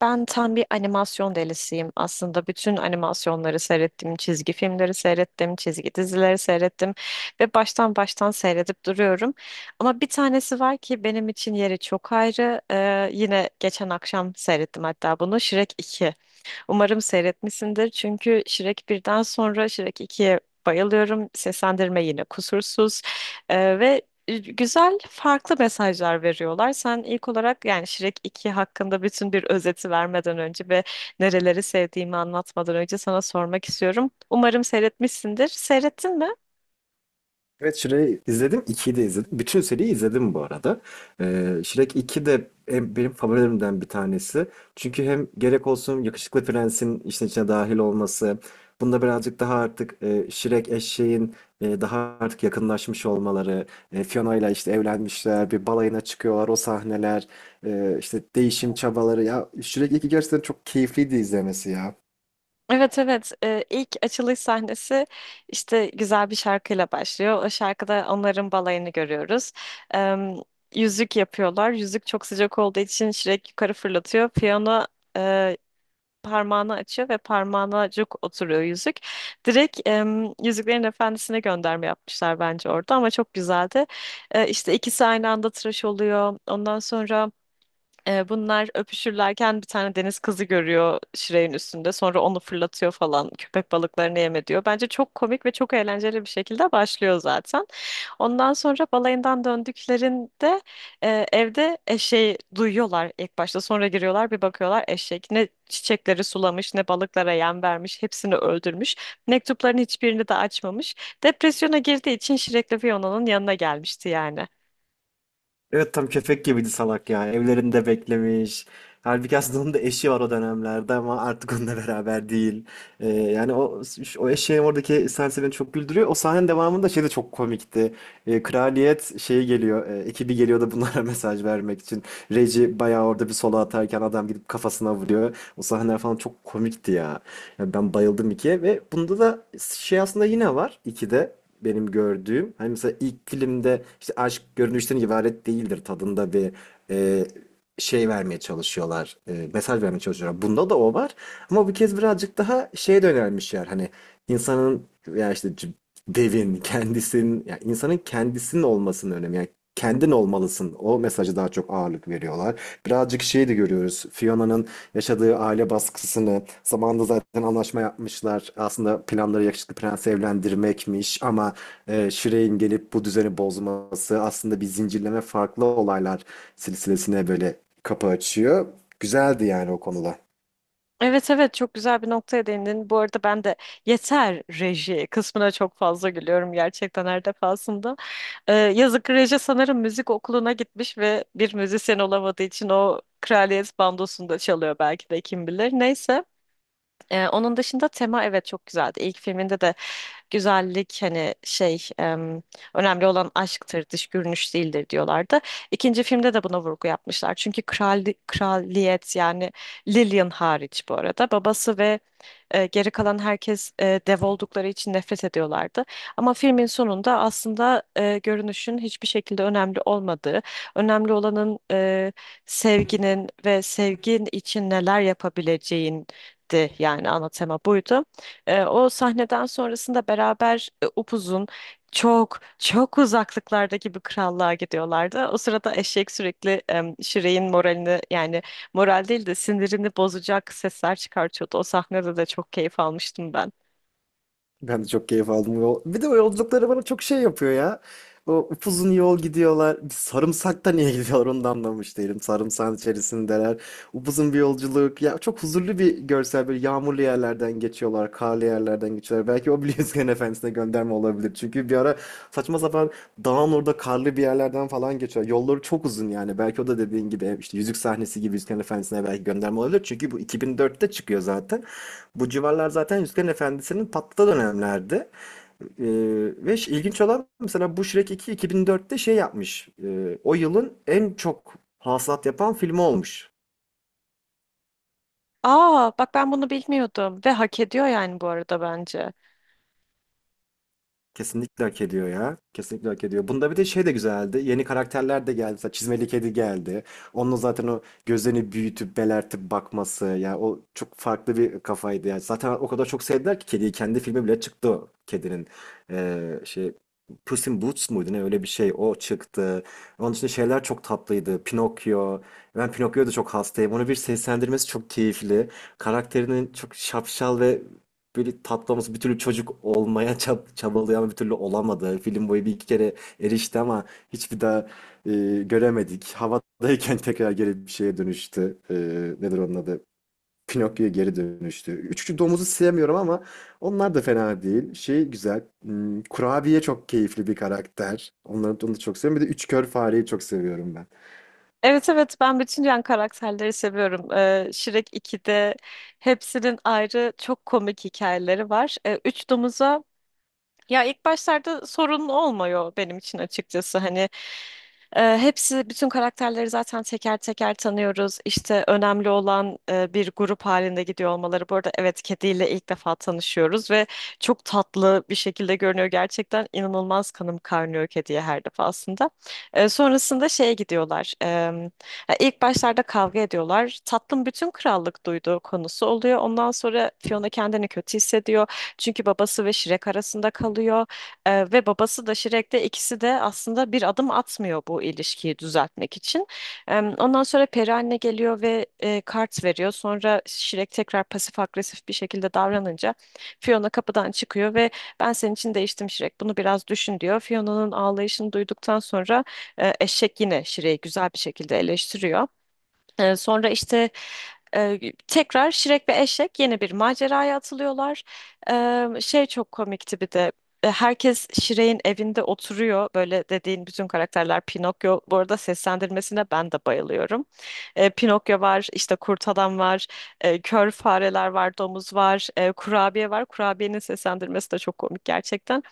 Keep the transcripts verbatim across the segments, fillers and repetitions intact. Ben tam bir animasyon delisiyim aslında. Bütün animasyonları seyrettim, çizgi filmleri seyrettim, çizgi dizileri seyrettim ve baştan baştan seyredip duruyorum. Ama bir tanesi var ki benim için yeri çok ayrı. Ee, yine geçen akşam seyrettim hatta bunu. Shrek iki. Umarım seyretmişsindir. Çünkü Shrek birden sonra Shrek iki'ye bayılıyorum. Seslendirme yine kusursuz. Ee, ve güzel farklı mesajlar veriyorlar. Sen ilk olarak yani Shrek iki hakkında bütün bir özeti vermeden önce ve nereleri sevdiğimi anlatmadan önce sana sormak istiyorum. Umarım seyretmişsindir. Seyrettin mi? Evet Shrek'i izledim. ikiyi de izledim. Bütün seriyi izledim bu arada. Ee, Shrek iki de en- benim favorilerimden bir tanesi. Çünkü hem gerek olsun yakışıklı prensin işin içine dahil olması. Bunda birazcık daha artık e, Shrek eşeğin e, daha artık yakınlaşmış olmaları. E, Fiona ile işte evlenmişler. Bir balayına çıkıyorlar. O sahneler. e, işte değişim çabaları. Ya Shrek iki gerçekten çok keyifliydi izlemesi ya. Evet, evet. Ee, ilk açılış sahnesi işte güzel bir şarkıyla başlıyor. O şarkıda onların balayını görüyoruz. Ee, Yüzük yapıyorlar. Yüzük çok sıcak olduğu için Şirek yukarı fırlatıyor. Piyano e, parmağını açıyor ve parmağına cuk oturuyor yüzük. Direkt e, Yüzüklerin Efendisi'ne gönderme yapmışlar bence orada ama çok güzeldi. Ee, işte ikisi aynı anda tıraş oluyor. Ondan sonra ee, bunlar öpüşürlerken bir tane deniz kızı görüyor Şirey'in üstünde. Sonra onu fırlatıyor falan. Köpek balıklarını yeme diyor. Bence çok komik ve çok eğlenceli bir şekilde başlıyor zaten. Ondan sonra balayından döndüklerinde e, evde eşeği duyuyorlar ilk başta. Sonra giriyorlar, bir bakıyorlar eşek ne çiçekleri sulamış ne balıklara yem vermiş, hepsini öldürmüş. Mektupların hiçbirini de açmamış. Depresyona girdiği için Şirekli Fiona'nın yanına gelmişti yani. Evet, tam köpek gibiydi salak ya. Evlerinde beklemiş. Halbuki aslında onun da eşi var o dönemlerde ama artık onunla beraber değil. Ee, yani o o eşeğin oradaki sahnesi beni çok güldürüyor. O sahnenin devamında şey de çok komikti. Ee, kraliyet şeyi geliyor. E, ekibi geliyor da bunlara mesaj vermek için. Reggie bayağı orada bir solo atarken adam gidip kafasına vuruyor. O sahneler falan çok komikti ya. Ya ben bayıldım ikiye ve bunda da şey aslında yine var ikide benim gördüğüm. Hani mesela ilk filmde işte aşk görünüşten ibaret değildir tadında bir e, şey vermeye çalışıyorlar. E, mesaj vermeye çalışıyorlar. Bunda da o var. Ama bu kez birazcık daha şeye yönelmişler. Hani insanın ya işte c- devin kendisinin ya insanın kendisinin olmasının önemi. Yani kendin olmalısın. O mesajı daha çok ağırlık veriyorlar. Birazcık şeyi de görüyoruz. Fiona'nın yaşadığı aile baskısını, zamanında zaten anlaşma yapmışlar. Aslında planları yakışıklı prensi evlendirmekmiş ama e, Shireen gelip bu düzeni bozması aslında bir zincirleme farklı olaylar silsilesine böyle kapı açıyor. Güzeldi yani o konuda. Evet, evet, çok güzel bir noktaya değindin. Bu arada ben de yeter reji kısmına çok fazla gülüyorum gerçekten her defasında. Ee, yazık reji sanırım müzik okuluna gitmiş ve bir müzisyen olamadığı için o kraliyet bandosunda çalıyor belki de, kim bilir. Neyse. Ee, onun dışında tema evet çok güzeldi. İlk filminde de güzellik hani şey em, önemli olan aşktır, dış görünüş değildir diyorlardı. İkinci filmde de buna vurgu yapmışlar. Çünkü kral, kraliyet yani Lillian hariç bu arada, babası ve e, geri kalan herkes e, dev oldukları için nefret ediyorlardı. Ama filmin sonunda aslında e, görünüşün hiçbir şekilde önemli olmadığı, önemli olanın e, sevginin ve sevgin için neler yapabileceğin di, yani ana tema buydu. E, o sahneden sonrasında beraber e, upuzun çok çok uzaklıklardaki bir krallığa gidiyorlardı. O sırada eşek sürekli e, Şirey'in moralini yani moral değil de sinirini bozacak sesler çıkartıyordu. O sahnede de çok keyif almıştım ben. Ben de çok keyif aldım yol. Bir de o yolculukları bana çok şey yapıyor ya. O upuzun yol gidiyorlar. Bir Sarımsak da niye gidiyorlar onu da anlamış değilim. Sarımsağın içerisindeler. Upuzun bir yolculuk. Ya çok huzurlu bir görsel. Böyle yağmurlu yerlerden geçiyorlar. Karlı yerlerden geçiyorlar. Belki o bile Yüzgen Efendisi'ne gönderme olabilir. Çünkü bir ara saçma sapan dağın orada karlı bir yerlerden falan geçiyor. Yolları çok uzun yani. Belki o da dediğin gibi işte yüzük sahnesi gibi Yüzgen Efendisi'ne belki gönderme olabilir. Çünkü bu iki bin dörtte çıkıyor zaten. Bu civarlar zaten Yüzüklerin Efendisi'nin patladığı dönemlerdi. Ee, Ve ilginç olan mesela bu Shrek iki iki bin dörtte şey yapmış. Ee, o yılın en çok hasılat yapan filmi olmuş. Aa, bak ben bunu bilmiyordum ve hak ediyor yani bu arada bence. Kesinlikle hak ediyor ya. Kesinlikle hak ediyor. Bunda bir de şey de güzeldi. Yeni karakterler de geldi. Mesela çizmeli kedi geldi. Onun zaten o gözlerini büyütüp belertip bakması. Ya o çok farklı bir kafaydı. Yani zaten o kadar çok sevdiler ki kediyi. Kendi filmi bile çıktı o kedinin. Ee, şey Puss in Boots muydu ne öyle bir şey. O çıktı. Onun için şeyler çok tatlıydı. Pinokyo. Ben Pinokyo'ya da çok hastayım. Onu bir seslendirmesi çok keyifli. Karakterinin çok şapşal ve böyle tatlımız bir türlü çocuk olmaya çab- çabalıyor ama bir türlü olamadı. Film boyu bir iki kere erişti ama hiçbir daha e, göremedik. Havadayken tekrar geri bir şeye dönüştü. E, nedir onun adı? Pinokyo'ya geri dönüştü. Üçüncü domuzu sevmiyorum ama onlar da fena değil. Şey güzel. hmm, Kurabiye çok keyifli bir karakter. Onları onu da çok seviyorum. Bir de üç kör fareyi çok seviyorum ben. Evet, evet, ben bütün yan karakterleri seviyorum. Ee, Shrek ikide hepsinin ayrı çok komik hikayeleri var. Ee, üç domuza ya ilk başlarda sorun olmuyor benim için açıkçası. Hani e, hepsi, bütün karakterleri zaten teker teker tanıyoruz. İşte önemli olan e, bir grup halinde gidiyor olmaları. Bu arada evet, kediyle ilk defa tanışıyoruz ve çok tatlı bir şekilde görünüyor. Gerçekten inanılmaz kanım kaynıyor kediye her defasında. E, sonrasında şeye gidiyorlar. E, ya ilk başlarda kavga ediyorlar. Tatlım, bütün krallık duyduğu konusu oluyor. Ondan sonra Fiona kendini kötü hissediyor. Çünkü babası ve Shrek arasında kalıyor. Eee, ve babası da Shrek de ikisi de aslında bir adım atmıyor bu ilişkiyi düzeltmek için. Em, Ondan sonra peri anne geliyor ve e, kart veriyor. Sonra Shrek tekrar pasif agresif bir şekilde davranınca Fiona kapıdan çıkıyor ve ben senin için değiştim Shrek. Bunu biraz düşün diyor. Fiona'nın ağlayışını duyduktan sonra e, eşek yine Shrek'i güzel bir şekilde eleştiriyor. Ee, sonra işte e, tekrar Şirek ve Eşek yeni bir maceraya atılıyorlar. Ee, şey çok komikti bir de. e, Herkes Şirek'in evinde oturuyor. Böyle dediğin bütün karakterler, Pinokyo. Bu arada seslendirmesine ben de bayılıyorum. Ee, Pinokyo var, işte kurt adam var, e, kör fareler var, domuz var, e, kurabiye var. Kurabiyenin seslendirmesi de çok komik gerçekten.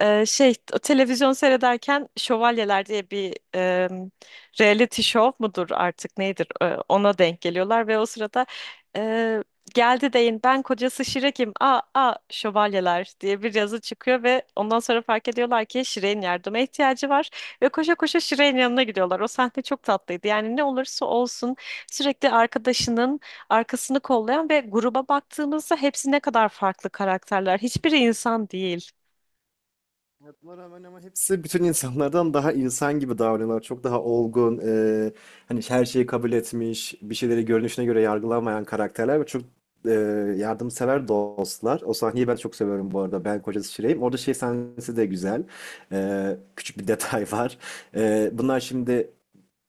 Ee, şey, o televizyon seyrederken Şövalyeler diye bir e, reality show mudur artık nedir, e, ona denk geliyorlar ve o sırada e, geldi deyin ben kocası Şirek'im, aa, aa Şövalyeler diye bir yazı çıkıyor ve ondan sonra fark ediyorlar ki Şirek'in yardıma ihtiyacı var ve koşa koşa Şirek'in yanına gidiyorlar. O sahne çok tatlıydı, yani ne olursa olsun sürekli arkadaşının arkasını kollayan ve gruba baktığımızda hepsi ne kadar farklı karakterler, hiçbiri insan değil. Ya buna rağmen ama hepsi bütün insanlardan daha insan gibi davranıyorlar. Çok daha olgun, e, hani her şeyi kabul etmiş, bir şeyleri görünüşüne göre yargılanmayan karakterler ve çok e, yardımsever dostlar. O sahneyi ben çok seviyorum bu arada. Ben kocası Şireyim. Orada şey sahnesi de güzel. E, küçük bir detay var. E, bunlar şimdi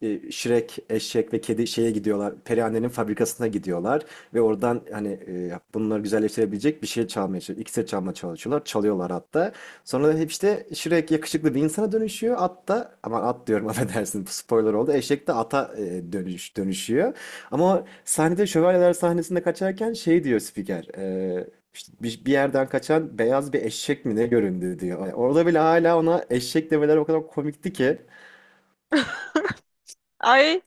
e, Shrek, eşek ve kedi şeye gidiyorlar. Perihanne'nin fabrikasına gidiyorlar ve oradan hani e, bunları güzelleştirebilecek bir şey çalmaya çalışıyorlar. İksir çalmaya çalışıyorlar. Çalıyorlar hatta. Sonra da hep işte Shrek yakışıklı bir insana dönüşüyor. At da aman at diyorum affedersin bu spoiler oldu. Eşek de ata e, dönüş, dönüşüyor. Ama sahnede şövalyeler sahnesinde kaçarken şey diyor spiker. e, işte bir, bir yerden kaçan beyaz bir eşek mi ne göründü diyor. Yani orada bile hala ona eşek demeleri o kadar komikti ki. Ay,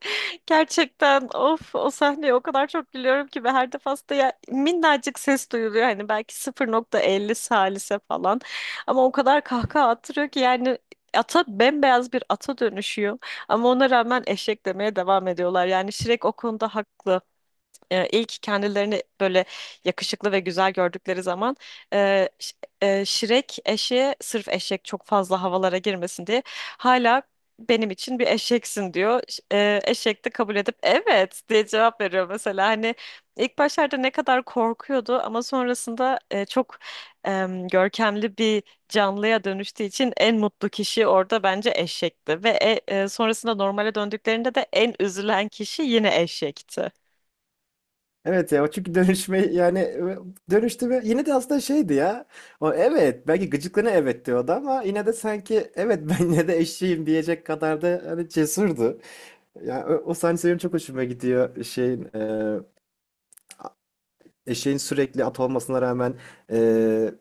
gerçekten of, o sahneye o kadar çok gülüyorum ki, ve her defasında ya minnacık ses duyuluyor hani belki sıfır nokta elli salise falan ama o kadar kahkaha attırıyor ki yani ata, bembeyaz bir ata dönüşüyor ama ona rağmen eşek demeye devam ediyorlar, yani Shrek o konuda haklı. e, ilk kendilerini böyle yakışıklı ve güzel gördükleri zaman e, ş- e, Şirek eşeğe sırf eşek çok fazla havalara girmesin diye hala benim için bir eşeksin diyor. Ş- E, eşek de kabul edip evet diye cevap veriyor mesela. Hani ilk başlarda ne kadar korkuyordu ama sonrasında e, çok em, görkemli bir canlıya dönüştüğü için en mutlu kişi orada bence eşekti ve e, e, sonrasında normale döndüklerinde de en üzülen kişi yine eşekti. Evet ya o çünkü dönüşme yani e, dönüştü ve yine de aslında şeydi ya. O evet belki gıcıklığına evet diyordu ama yine de sanki evet ben yine de eşeğim diyecek kadar da hani cesurdu. Ya o, o sahne benim çok hoşuma gidiyor şeyin eşeğin sürekli at olmasına rağmen eee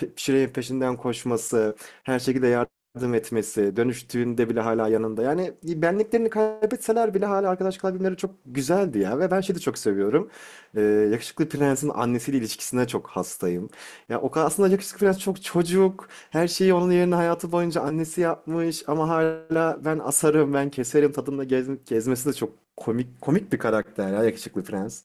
pe- Şirey'in peşinden koşması, her şekilde yardım etmesi, dönüştüğünde bile hala yanında. Yani benliklerini kaybetseler bile hala arkadaş kalabilmeleri çok güzeldi ya. Ve ben şeyi de çok seviyorum. Eee, Yakışıklı Prens'in annesiyle ilişkisine çok hastayım. Ya o kadar aslında Yakışıklı Prens çok çocuk. Her şeyi onun yerine hayatı boyunca annesi yapmış ama hala ben asarım, ben keserim tadında gez- gezmesi de çok komik komik bir karakter ya Yakışıklı Prens.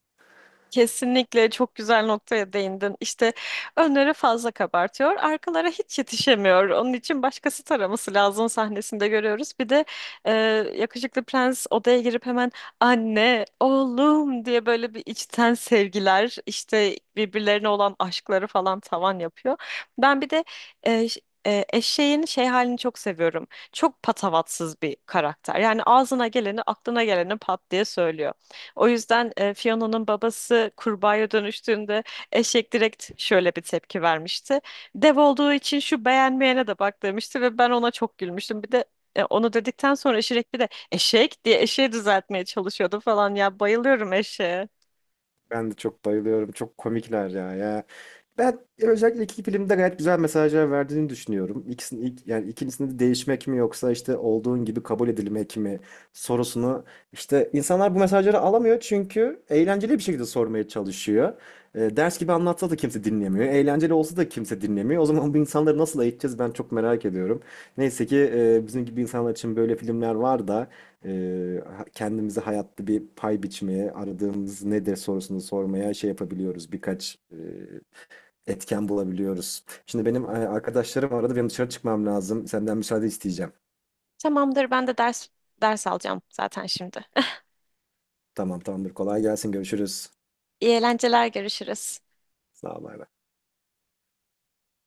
Kesinlikle çok güzel noktaya değindin. İşte önleri fazla kabartıyor, arkalara hiç yetişemiyor. Onun için başkası taraması lazım sahnesinde görüyoruz. Bir de e, yakışıklı prens odaya girip hemen anne, oğlum diye böyle bir içten sevgiler, işte birbirlerine olan aşkları falan tavan yapıyor. Ben bir de e, ş- e, eşeğin şey halini çok seviyorum. Çok patavatsız bir karakter. Yani ağzına geleni, aklına geleni pat diye söylüyor. O yüzden e, Fiona'nın babası kurbağaya dönüştüğünde eşek direkt şöyle bir tepki vermişti. Dev olduğu için şu beğenmeyene de bak demişti ve ben ona çok gülmüştüm. Bir de e, onu dedikten sonra Şirek bir de eşek diye eşeği düzeltmeye çalışıyordu falan, ya bayılıyorum eşeğe. Ben de çok bayılıyorum. Çok komikler ya. Ya ben özellikle iki filmde gayet güzel mesajlar verdiğini düşünüyorum. İkisinin ilk, yani ikincisinde de değişmek mi yoksa işte olduğun gibi kabul edilmek mi sorusunu işte insanlar bu mesajları alamıyor çünkü eğlenceli bir şekilde sormaya çalışıyor. E, ders gibi anlatsa da kimse dinlemiyor. Eğlenceli olsa da kimse dinlemiyor. O zaman bu insanları nasıl eğiteceğiz ben çok merak ediyorum. Neyse ki e, bizim gibi insanlar için böyle filmler var da ee, ha- kendimize hayatta bir pay biçmeye, aradığımız nedir sorusunu sormaya şey yapabiliyoruz. Birkaç e, etken bulabiliyoruz. Şimdi benim e, arkadaşlarım aradı, benim dışarı çıkmam lazım. Senden müsaade isteyeceğim. Tamamdır, ben de ders ders alacağım zaten şimdi. Tamam, tamamdır. Kolay gelsin. Görüşürüz. İyi eğlenceler, görüşürüz. Sağ ol, bay bay.